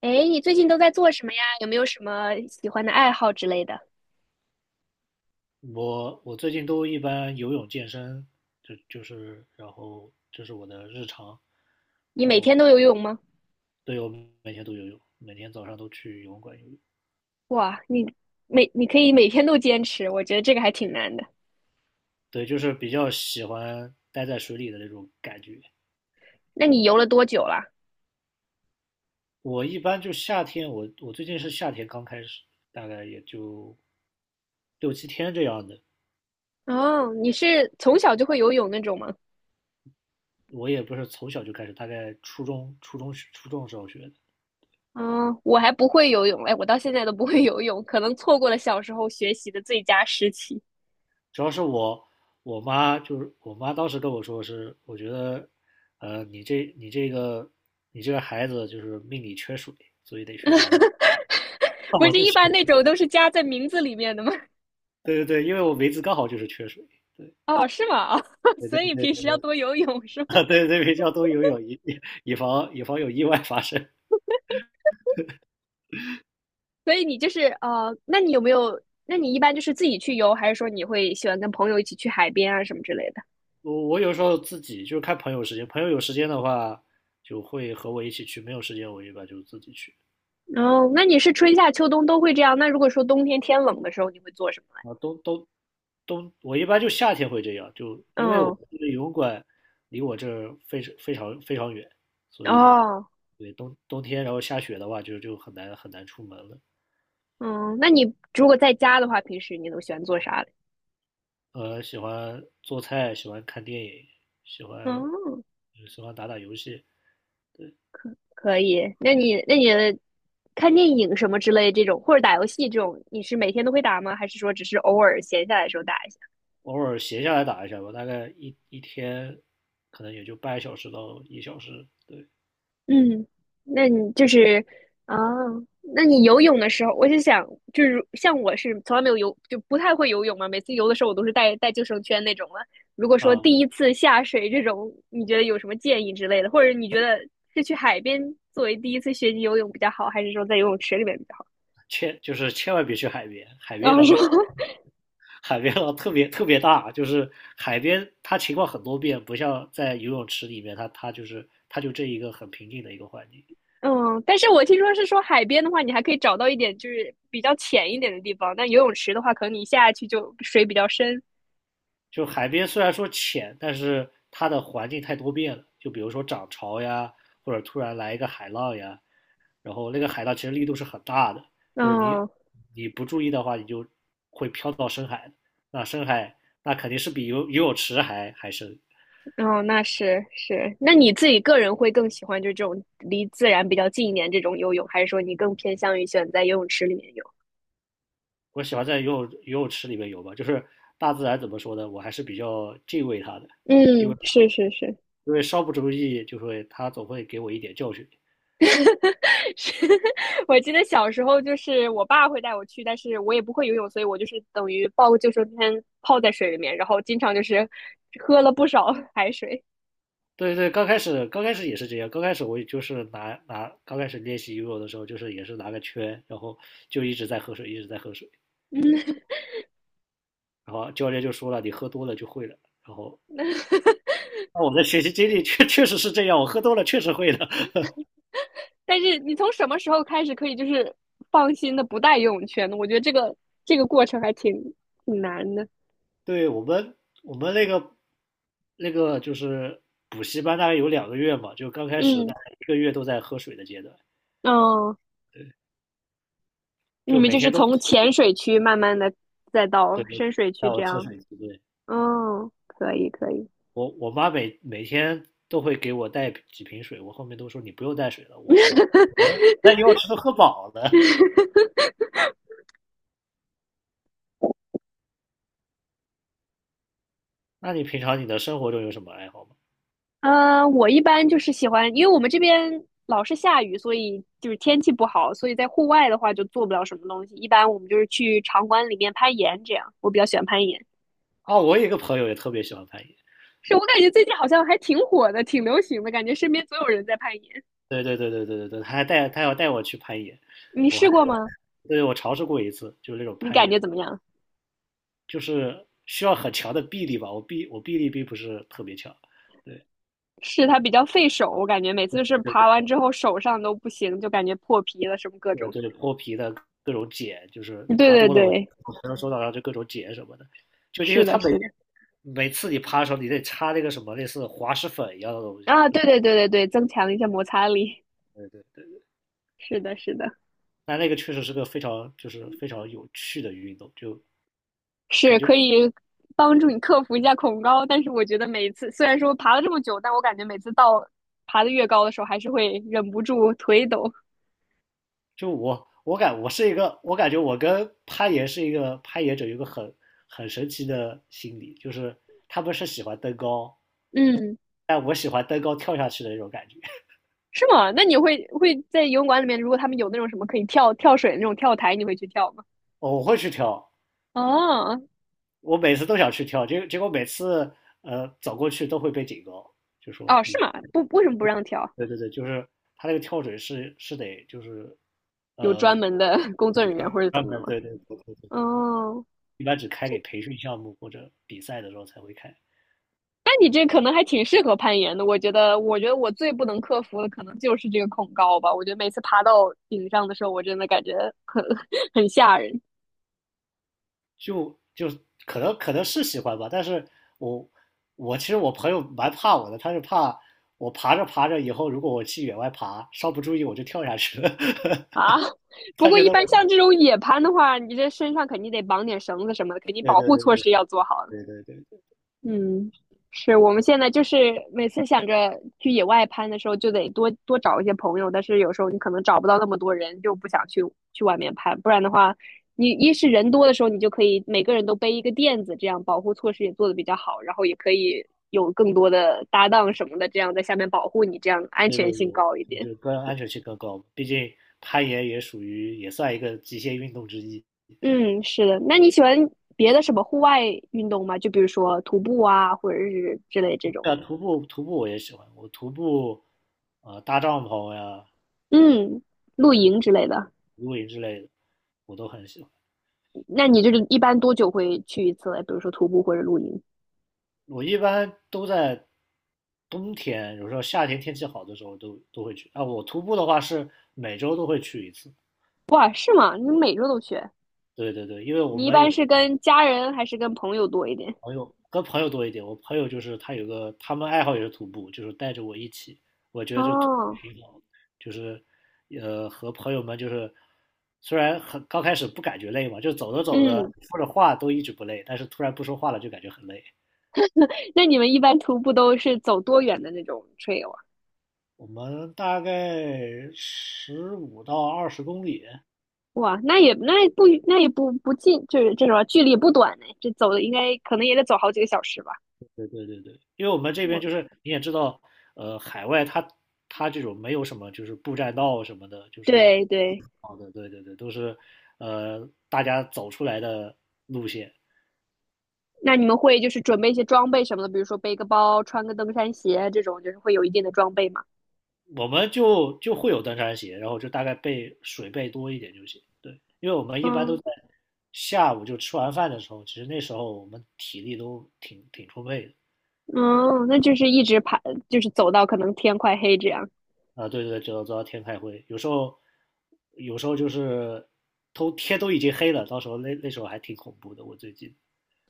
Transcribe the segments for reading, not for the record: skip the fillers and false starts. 哎，你最近都在做什么呀？有没有什么喜欢的爱好之类的？我最近都一般游泳健身，就是然后这是我的日常。你每天都游泳吗？对，我每天都游泳，每天早上都去游泳馆游泳。哇，你你可以每天都坚持，我觉得这个还挺难的。对，就是比较喜欢待在水里的那种感觉。那你游了多久了？我一般就夏天，我最近是夏天刚开始，大概也就六七天这样的。哦，你是从小就会游泳那种吗？我也不是从小就开始，大概初中时候学的。哦，我还不会游泳，哎，我到现在都不会游泳，可能错过了小时候学习的最佳时期。主要是我妈当时跟我说是，我觉得，呃，你这你这个你这个孩子就是命里缺水，所以得学个游泳。那不是我就一学。般那 种都是加在名字里面的吗？对对对，因为我梅子刚好就是缺水。对哦，是吗？哦，对所以对平时要对多游泳是吗？对 对对，比较多游泳，以防有意外发生。所以你就是那你有没有？那你一般就是自己去游，还是说你会喜欢跟朋友一起去海边啊什么之类的？我有时候自己就是看朋友时间，朋友有时间的话就会和我一起去，没有时间我一般就自己去。哦，那你是春夏秋冬都会这样？那如果说冬天天冷的时候，你会做什么？啊，都。冬，我一般就夏天会这样，就因为我们嗯。这个游泳馆离我这儿非常非常非常远，所以哦。对冬天然后下雪的话就很难很难出门了。嗯，那你如果在家的话，平时你都喜欢做啥嘞？喜欢做菜，喜欢看电影，喜欢哦，喜欢打游戏。可以。那你看电影什么之类这种，或者打游戏这种，你是每天都会打吗？还是说只是偶尔闲下来的时候打一下？偶尔闲下来打一下吧，大概一天可能也就半小时到1小时。对嗯，那你就是啊，那你游泳的时候，我就想，就是像我是从来没有游，就不太会游泳嘛。每次游的时候，我都是带救生圈那种了。如果说啊。第一次下水这种，你觉得有什么建议之类的，或者你觉得是去海边作为第一次学习游泳比较好，还是说在游泳池里面比较好？千就是千万别去海边，海然边后的说，浪 海边浪特别特别大，就是海边它情况很多变，不像在游泳池里面，它就是它就这一个很平静的一个环境。嗯，但是我听说是说海边的话，你还可以找到一点就是比较浅一点的地方，但游泳池的话，可能你下去就水比较深。就海边虽然说浅，但是它的环境太多变了，就比如说涨潮呀，或者突然来一个海浪呀，然后那个海浪其实力度是很大的。就是你嗯。你不注意的话，你就会飘到深海，那深海那肯定是比游泳池还深。哦，那是是，那你自己个人会更喜欢就这种离自然比较近一点这种游泳，还是说你更偏向于选在游泳池里面游？我喜欢在游泳池里面游吧，就是大自然怎么说呢，我还是比较敬畏它的。嗯，是是是。因为稍不注意，就会它总会给我一点教训。是，我记得小时候就是我爸会带我去，但是我也不会游泳，所以我就是等于抱个救生圈泡在水里面，然后经常就是喝了不少 海水。对对，刚开始也是这样，刚开始我就是拿刚开始练习游泳的时候，就是也是拿个圈，然后就一直在喝水，一直在喝水。然后教练就说了，你喝多了就会了，然后。那我的学习经历确实是这样，我喝多了确实会的。但是你从什么时候开始可以就是放心的不带游泳圈呢？我觉得这个过程还挺难的。对，我们那个就是补习班，大概有2个月嘛，就刚开始嗯。大概1个月都在喝水的阶段。哦，你就们每就是天都从浅水区慢慢的再到对深水带区我这喝样。水，对。嗯，可以可以。我妈每天都会给我带几瓶水，我后面都说你不用带水了，我都那以我吃都喝饱了。那你平常你的生活中有什么爱好吗？嗯，我一般就是喜欢，因为我们这边老是下雨，所以就是天气不好，所以在户外的话就做不了什么东西。一般我们就是去场馆里面攀岩，这样我比较喜欢攀岩。哦，我有一个朋友也特别喜欢攀岩。是我感觉最近好像还挺火的，挺流行的，感觉身边总有人在攀岩。对对对对对对对，他要带我去攀岩。你我还试过吗？对，我尝试过一次，就是那种你攀感岩。觉怎么样？就是需要很强的臂力吧。我臂力并不是特别强，对。是它比较费手，我感觉每次就是爬完之后手上都不行，就感觉破皮了什么各这种。对脱皮的各种茧，就是对爬对多了，我对，可能手掌上就各种茧什么的。就因是为的，它每是的。每次你爬的时候，你得擦那个什么类似滑石粉一样的东西，啊，就对是对对对对，增强一下摩擦力，对对对。是的，是的，但那个确实是个非常有趣的运动，就感是觉可以帮助你克服一下恐高。但是我觉得每次虽然说爬了这么久，但我感觉每次到爬得越高的时候，还是会忍不住腿抖。就我是一个，我感觉我跟攀岩是一个攀岩者有一个很神奇的心理。就是他们是喜欢登高，嗯，但我喜欢登高跳下去的那种感觉。是吗？那你会在游泳馆里面，如果他们有那种什么可以跳跳水的那种跳台，你会去跳吗？哦，我会去跳，哦。我每次都想去跳，结果每次走过去都会被警告，就说哦，是你吗？不，为什么不让跳？对对对，就是他那个跳水是得就是有专门的 工作人员或者怎嗯么的吗？对对对对对对，哦，一般只开给培训项目或者比赛的时候才会开。那你这可能还挺适合攀岩的，我觉得，我觉得我最不能克服的可能就是这个恐高吧。我觉得每次爬到顶上的时候，我真的感觉很 很吓人就就可能是喜欢吧，但是我其实我朋友蛮怕我的。他是怕我爬着爬着以后，如果我去野外爬，稍不注意我就跳下去了。啊。不他过觉一得我般像这种野攀的话，你这身上肯定得绑点绳子什么的，肯定对保对护对措施要做好。对对对对嗯，是我们现在就是每次想着去野外攀的时候，就得多多找一些朋友，但是有时候你可能找不到那么多人，就不想去外面攀，不然的话，你一是人多的时候，你就可以每个人都背一个垫子，这样保护措施也做得比较好，然后也可以有更多的搭档什么的，这样在下面保护你，这样安对全对。性我高一我点。就更安全性更高，毕竟攀岩也属于也算一个极限运动之一。嗯，是的。那你喜欢别的什么户外运动吗？就比如说徒步啊，或者是之类这种，对啊，徒步徒步我也喜欢，我徒步搭帐篷呀，嗯，露我都营之类的。露营之类的，我都很喜欢。那你就是一般多久会去一次嘞？比如说徒步或者露营？我一般都在冬天，有时候夏天天气好的时候都会去。啊，我徒步的话是每周都会去一次。哇，是吗？你每周都去？对对对，因为我你一们般有是跟家人还是跟朋友多一点？朋友跟朋友多一点，我朋友就是他有个他们爱好也是徒步，就是带着我一起。我觉得就徒步哦。挺好的，就是和朋友们就是虽然很刚开始不感觉累嘛，就走着走着嗯，说着话都一直不累，但是突然不说话了就感觉很累。那你们一般徒步都是走多远的那种 trail 啊？我们大概15到20公里。哇，那也那也不那也不不近，就是这种距离也不短呢。这走的应该可能也得走好几个小时吧。因为我们这边就我是你也知道，海外它这种没有什么就是步栈道什么的。就是对对，好的，对对对，都是大家走出来的路线。那你们会就是准备一些装备什么的，比如说背个包、穿个登山鞋这种，就是会有一定的装备吗？我们就会有登山鞋，然后就大概备水备多一点就行。对，因为我们一般都嗯。在下午就吃完饭的时候，其实那时候我们体力都挺充沛的。哦，那就是一直爬，就是走到可能天快黑这样。啊，对对对，走到走到天开会。有时候就是都天都已经黑了，到时候那时候还挺恐怖的。我最近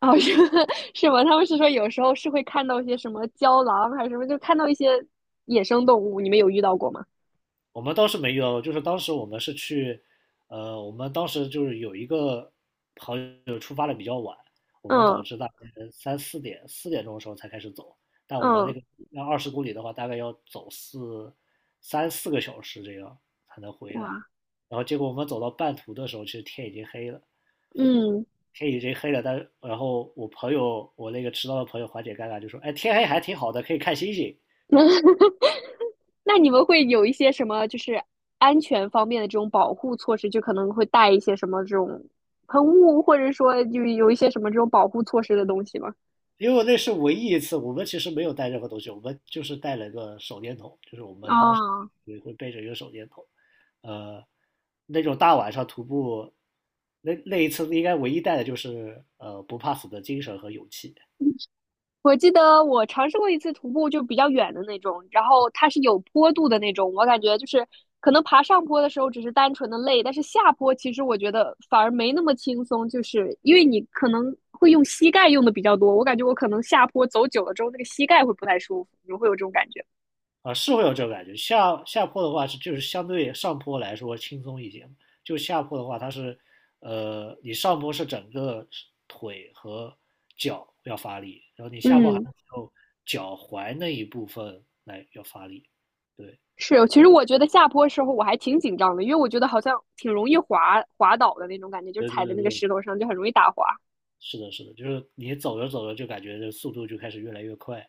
哦，是 是吗？他们是说有时候是会看到一些什么郊狼还是什么，就看到一些野生动物，你们有遇到过吗？我们倒是没有，就是当时我们是去，我们当时就是有一个朋友出发的比较晚。我们导嗯致大概三四点4点钟的时候才开始走，但我们那嗯。个要二十公里的话，大概要走3、4个小时这样才能回来。哇。然后结果我们走到半途的时候，其实天已经黑了。嗯，天已经黑了，但是然后我朋友，我那个迟到的朋友缓解尴尬就说：“哎，天黑还挺好的，可以看星星。”那你们会有一些什么就是安全方面的这种保护措施，就可能会带一些什么这种喷雾，或者说就有一些什么这种保护措施的东西吗？因为那是唯一一次，我们其实没有带任何东西，我们就是带了个手电筒，就是我们当时啊、也会背着一个手电筒，呃，那种大晚上徒步，那一次应该唯一带的就是不怕死的精神和勇气。我记得我尝试过一次徒步，就比较远的那种，然后它是有坡度的那种。我感觉就是可能爬上坡的时候只是单纯的累，但是下坡其实我觉得反而没那么轻松，就是因为你可能会用膝盖用的比较多。我感觉我可能下坡走久了之后，那个膝盖会不太舒服，你会有这种感觉。啊，是会有这种感觉。下坡的话是就是相对上坡来说轻松一些。就下坡的话它是，你上坡是整个腿和脚要发力，然后你下坡还嗯，是有脚踝那一部分来要发力。对，是，其实我觉得下坡时候我还挺紧张的，因为我觉得好像挺容易滑滑倒的那种感觉，就是对对踩在对那个对，石头上就很容易打滑。是的，是的，就是你走着走着就感觉这速度就开始越来越快。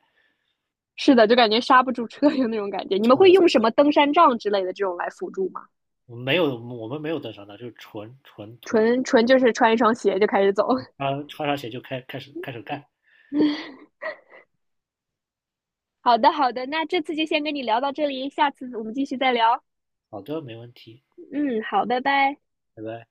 是的，就感觉刹不住车有那种感觉。你们是的，会用什么登山杖之类的这种来辅助吗？我们没有登山的，就是纯徒，纯纯就是穿一双鞋就开始走。穿上鞋就开始干。好的，好的，那这次就先跟你聊到这里，下次我们继续再聊。好的，没问题，嗯，好，拜拜。拜拜。